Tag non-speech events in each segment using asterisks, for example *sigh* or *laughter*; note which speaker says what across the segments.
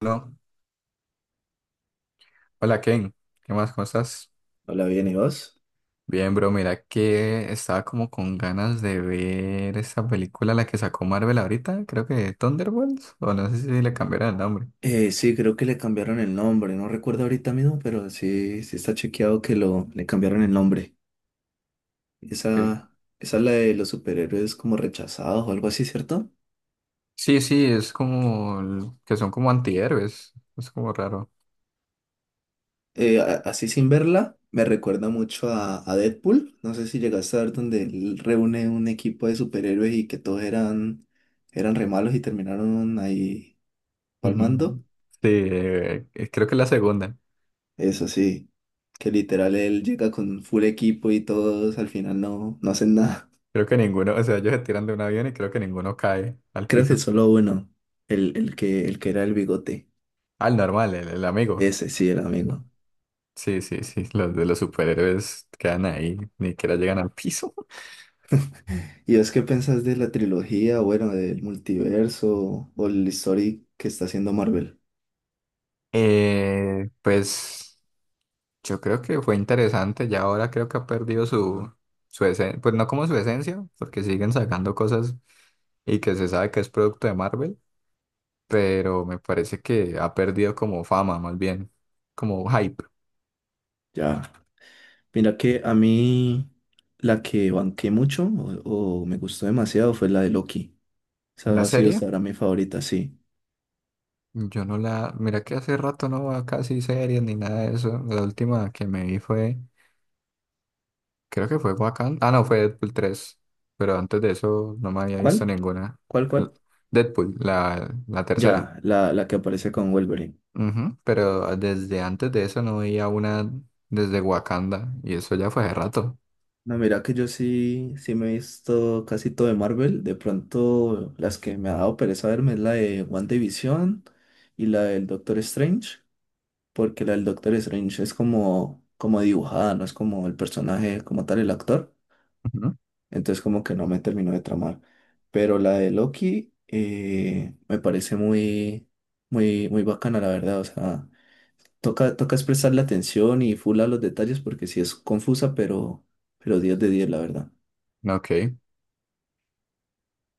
Speaker 1: No. Hola Ken, ¿qué más? ¿Cómo estás?
Speaker 2: Hola, bien, ¿y vos?
Speaker 1: Bien, bro, mira que estaba como con ganas de ver esa película, la que sacó Marvel ahorita, creo que Thunderbolts, o no sé si le cambiaron el nombre.
Speaker 2: Sí, creo que le cambiaron el nombre, no recuerdo ahorita mismo, pero sí, sí está chequeado que le cambiaron el nombre.
Speaker 1: Sí,
Speaker 2: Esa, esa es la de los superhéroes como rechazados o algo así, ¿cierto?
Speaker 1: sí, es como que son como antihéroes, es como raro.
Speaker 2: Así sin verla, me recuerda mucho a Deadpool. No sé si llegaste a ver donde él reúne un equipo de superhéroes y que todos eran re malos y terminaron ahí
Speaker 1: *laughs* Ujú.
Speaker 2: palmando.
Speaker 1: Sí, creo que es la segunda,
Speaker 2: Eso sí, que literal él llega con full equipo y todos al final no, no hacen nada.
Speaker 1: creo que ninguno, o sea, ellos se tiran de un avión y creo que ninguno cae al
Speaker 2: Creo que
Speaker 1: piso.
Speaker 2: solo uno, el que era el bigote.
Speaker 1: Al normal, el amigo.
Speaker 2: Ese sí era amigo.
Speaker 1: Sí, los de los superhéroes quedan ahí, ni siquiera llegan al piso.
Speaker 2: ¿Y es qué pensás de la trilogía, bueno, del multiverso o el story que está haciendo Marvel?
Speaker 1: Pues yo creo que fue interesante, ya ahora creo que ha perdido su esencia, pues no como su esencia, porque siguen sacando cosas y que se sabe que es producto de Marvel, pero me parece que ha perdido como fama, más bien, como hype.
Speaker 2: Ya. Mira que a mí la que banqué mucho o me gustó demasiado fue la de Loki.
Speaker 1: La
Speaker 2: Esa ha sido
Speaker 1: serie,
Speaker 2: hasta ahora mi favorita, sí.
Speaker 1: yo no la, mira que hace rato no va casi series ni nada de eso, la última que me vi creo que fue Wakanda, ah no, fue Deadpool 3 pero antes de eso no me había visto
Speaker 2: ¿Cuál?
Speaker 1: ninguna.
Speaker 2: ¿Cuál,
Speaker 1: L-
Speaker 2: cuál?
Speaker 1: Deadpool, la tercera.
Speaker 2: Ya, la que aparece con Wolverine.
Speaker 1: Ujú. Pero ah, desde antes de eso no veía una desde Wakanda y eso ya fue hace rato.
Speaker 2: No, mira que yo sí me he visto casi todo de Marvel. De pronto, las que me ha dado pereza verme es la de WandaVision y la del Doctor Strange, porque la del Doctor Strange es como dibujada, no es como el personaje, como tal el actor.
Speaker 1: Ujú.
Speaker 2: Entonces como que no me terminó de tramar. Pero la de Loki me parece muy bacana, la verdad. O sea, toca expresarle atención y full a los detalles porque sí es confusa, pero 10 de 10, la verdad.
Speaker 1: Ok.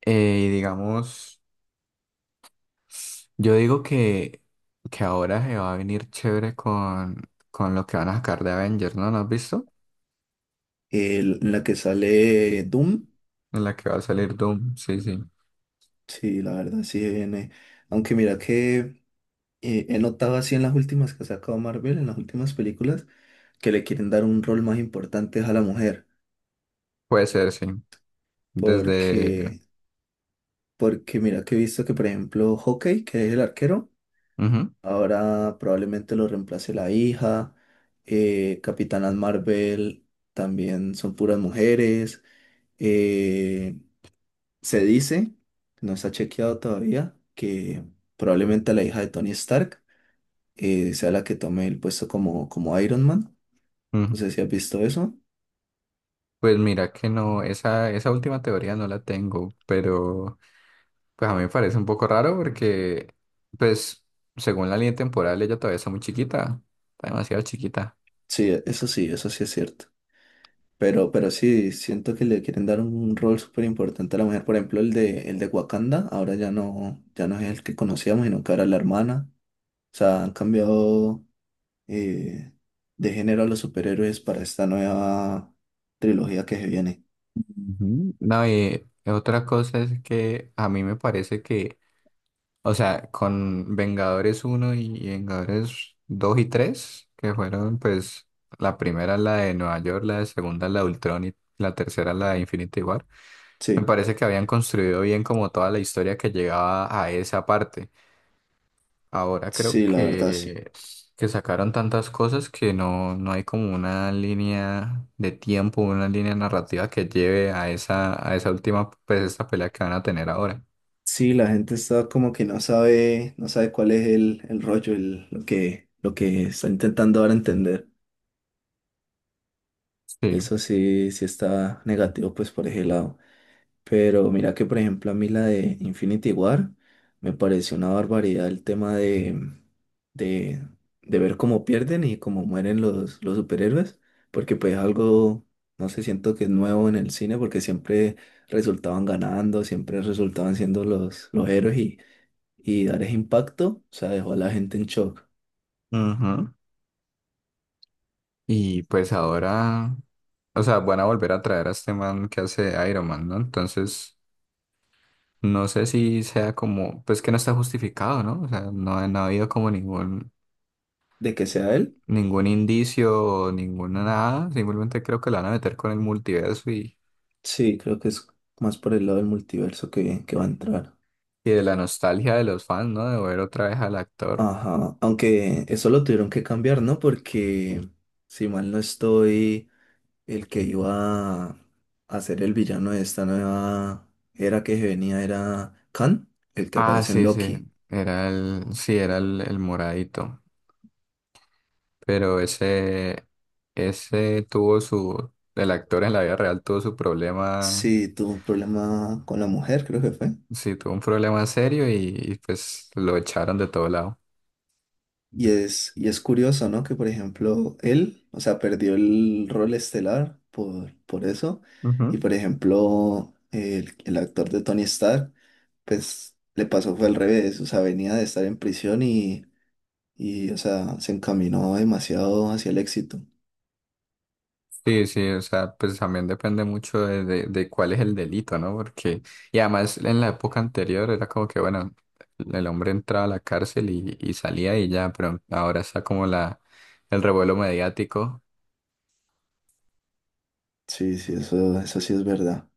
Speaker 1: Y digamos, yo digo que ahora se va a venir chévere con lo que van a sacar de Avengers, ¿no? ¿No has visto?
Speaker 2: En la que sale Doom.
Speaker 1: En la que va a salir Doom, sí, sí.
Speaker 2: Sí, la verdad, sí viene. Aunque mira que he notado así en las últimas que ha sacado Marvel, en las últimas películas, que le quieren dar un rol más importante a la mujer.
Speaker 1: Puede ser, sí. Desde...
Speaker 2: Porque, porque mira que he visto que, por ejemplo, Hawkeye, que es el arquero,
Speaker 1: Ujú,
Speaker 2: ahora probablemente lo reemplace la hija. Capitanas Marvel también son puras mujeres. eh, Se dice, no está chequeado todavía, que probablemente la hija de Tony Stark sea la que tome el puesto como Iron Man.
Speaker 1: ujú.
Speaker 2: No sé si has visto eso.
Speaker 1: Pues mira que no, esa última teoría no la tengo, pero... Pues a mí me parece un poco raro porque, pues, según la línea temporal, ella todavía está muy chiquita, está demasiado chiquita.
Speaker 2: Sí, eso sí, eso sí es cierto. Pero sí, siento que le quieren dar un rol súper importante a la mujer. Por ejemplo, el de Wakanda, ahora ya no, ya no es el que conocíamos, sino que ahora es la hermana. O sea, han cambiado eh, de género a los superhéroes para esta nueva trilogía que se viene.
Speaker 1: Ujú. No, y otra cosa es que a mí me parece que, o sea, con Vengadores uno y Vengadores 2 y 3 que fueron, pues, la primera la de Nueva York, la de segunda la de Ultron y la tercera la de Infinity War, me
Speaker 2: Sí,
Speaker 1: parece que habían construido bien como toda la historia que llegaba a esa parte. Ahora creo
Speaker 2: sí, la verdad, sí.
Speaker 1: que sacaron tantas cosas que no hay como una línea de tiempo, una línea narrativa que lleve a esa última, pues esta pelea que van a tener ahora.
Speaker 2: Sí, la gente está como que no sabe, no sabe cuál es el rollo, lo que está intentando ahora entender.
Speaker 1: Sí.
Speaker 2: Eso sí, sí está negativo, pues por ese lado. Pero mira que, por ejemplo, a mí la de Infinity War me pareció una barbaridad el tema de, de ver cómo pierden y cómo mueren los superhéroes, porque pues algo, no sé, siento que es nuevo en el cine, porque siempre resultaban ganando, siempre resultaban siendo los héroes y dar ese impacto, o sea, dejó a la gente en shock.
Speaker 1: Ujú. Y pues ahora, o sea, van a volver a traer a este man que hace Iron Man, ¿no? Entonces, no sé si sea como, pues que no está justificado, ¿no? O sea, no ha habido como ningún,
Speaker 2: De que sea él,
Speaker 1: ningún indicio, o ninguna nada. Simplemente creo que la van a meter con el multiverso y
Speaker 2: sí, creo que es más por el lado del multiverso que va a entrar.
Speaker 1: Y de la nostalgia de los fans, ¿no? De ver otra vez al actor.
Speaker 2: Ajá, aunque eso lo tuvieron que cambiar, ¿no? Porque si mal no estoy, el que iba a ser el villano de esta nueva era que venía era Khan, el que
Speaker 1: Ah,
Speaker 2: aparece en
Speaker 1: sí, sí.
Speaker 2: Loki.
Speaker 1: Era sí, era el moradito. Pero ese tuvo su, el actor en la vida real tuvo su problema,
Speaker 2: Sí, tuvo un problema con la mujer, creo que fue.
Speaker 1: sí, tuvo un problema serio y pues lo echaron de todo lado.
Speaker 2: Y es curioso, ¿no? Que por ejemplo, él, o sea, perdió el rol estelar por eso. Y por ejemplo, el actor de Tony Stark, pues le pasó fue al revés. O sea, venía de estar en prisión y o sea, se encaminó demasiado hacia el éxito.
Speaker 1: Sí, sí, o sea, pues también depende mucho de cuál es el delito, ¿no? Porque, y además en la época anterior era como que, bueno, el hombre entraba a la cárcel y salía y ya, pero ahora está como el revuelo mediático.
Speaker 2: Sí, sí, eso sí es verdad.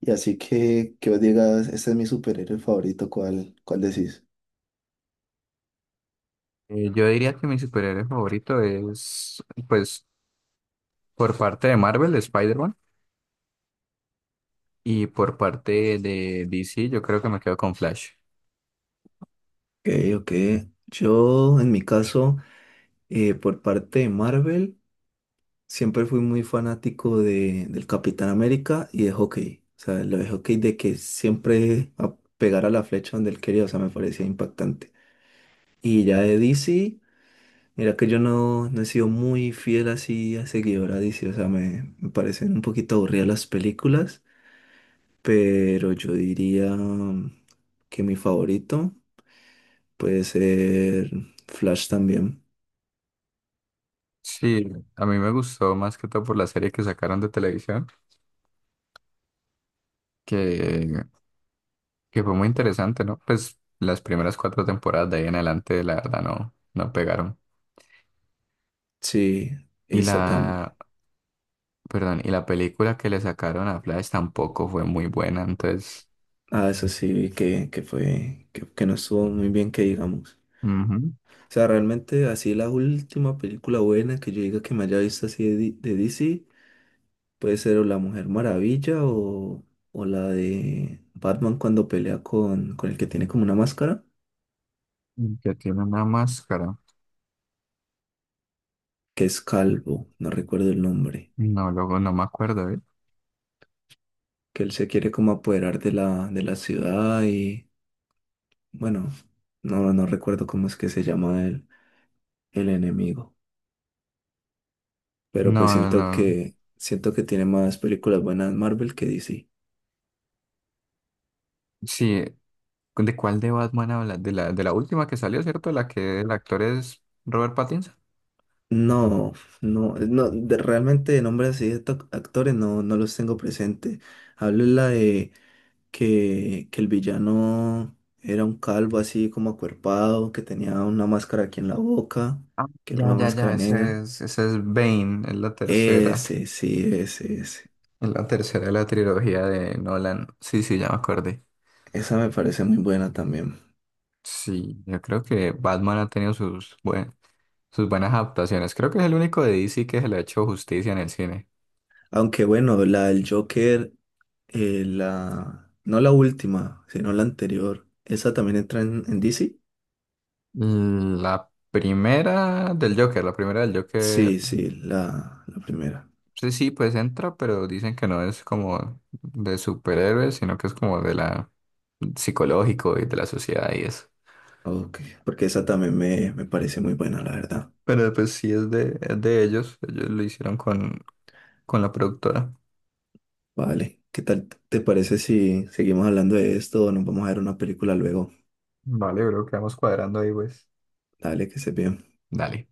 Speaker 2: Y así que vos digas, este es mi superhéroe favorito, ¿cuál decís?
Speaker 1: Yo diría que mi superhéroe favorito es, pues, por parte de Marvel, Spider-Man, y por parte de DC, yo creo que me quedo con Flash.
Speaker 2: Ok, ok. Yo, en mi caso, por parte de Marvel. Siempre fui muy fanático del Capitán América y de hockey. O sea, lo de hockey de que siempre a pegar a la flecha donde él quería, o sea, me parecía impactante. Y ya de DC, mira que yo no, no he sido muy fiel así a seguidor a DC, o sea, me parecen un poquito aburridas las películas, pero yo diría que mi favorito puede ser Flash también.
Speaker 1: Sí, a mí me gustó más que todo por la serie que sacaron de televisión, que Que fue muy interesante, ¿no? Pues las primeras cuatro temporadas de ahí en adelante, la verdad, no pegaron.
Speaker 2: Sí,
Speaker 1: Y
Speaker 2: esa también.
Speaker 1: perdón, y la película que le sacaron a Flash tampoco fue muy buena, entonces...
Speaker 2: Ah, eso sí, vi que fue, que no estuvo muy bien que digamos.
Speaker 1: Ujú,
Speaker 2: O sea, realmente así la última película buena que yo diga que me haya visto así de, de DC puede ser o La Mujer Maravilla o la de Batman cuando pelea con el que tiene como una máscara,
Speaker 1: y que tiene una máscara.
Speaker 2: que es Calvo, no recuerdo el nombre,
Speaker 1: No, luego no me acuerdo, ¿eh?
Speaker 2: que él se quiere como apoderar de de la ciudad y bueno, no, no recuerdo cómo es que se llama el enemigo. Pero pues
Speaker 1: No, no.
Speaker 2: siento que tiene más películas buenas Marvel que DC.
Speaker 1: Sí, ¿de cuál de Batman hablas? De de la última que salió, ¿cierto? La que el actor es Robert Pattinson.
Speaker 2: No, no, no, realmente de nombres así de actores no, no los tengo presente. Hablo es la de que el villano era un calvo así como acuerpado, que tenía una máscara aquí en la boca,
Speaker 1: Ah,
Speaker 2: que era
Speaker 1: ya,
Speaker 2: una
Speaker 1: ya,
Speaker 2: máscara
Speaker 1: ya,
Speaker 2: negra.
Speaker 1: ese es Bane, es la tercera.
Speaker 2: Ese, sí, ese, ese.
Speaker 1: Es la tercera de la trilogía de Nolan. Sí, sí, ya me acordé.
Speaker 2: Esa me parece muy buena también.
Speaker 1: Sí, yo creo que Batman ha tenido sus, sus buenas adaptaciones. Creo que es el único de DC que se le ha hecho justicia en el cine.
Speaker 2: Aunque bueno, la del Joker. La no la última, sino la anterior. ¿Esa también entra en DC?
Speaker 1: Mm, la primera del Joker,
Speaker 2: Sí, sí, la primera.
Speaker 1: sí, sí, pues entra, pero dicen que no es como de superhéroes, sino que es como de la psicológico y de la sociedad y eso.
Speaker 2: Ok, porque esa también me parece muy buena, la verdad.
Speaker 1: Pero pues sí es de ellos, ellos lo hicieron con la productora.
Speaker 2: Vale, ¿qué tal te parece si seguimos hablando de esto o nos vamos a ver una película luego?
Speaker 1: Vale, creo que vamos cuadrando ahí, pues.
Speaker 2: Dale, que se bien.
Speaker 1: Dale.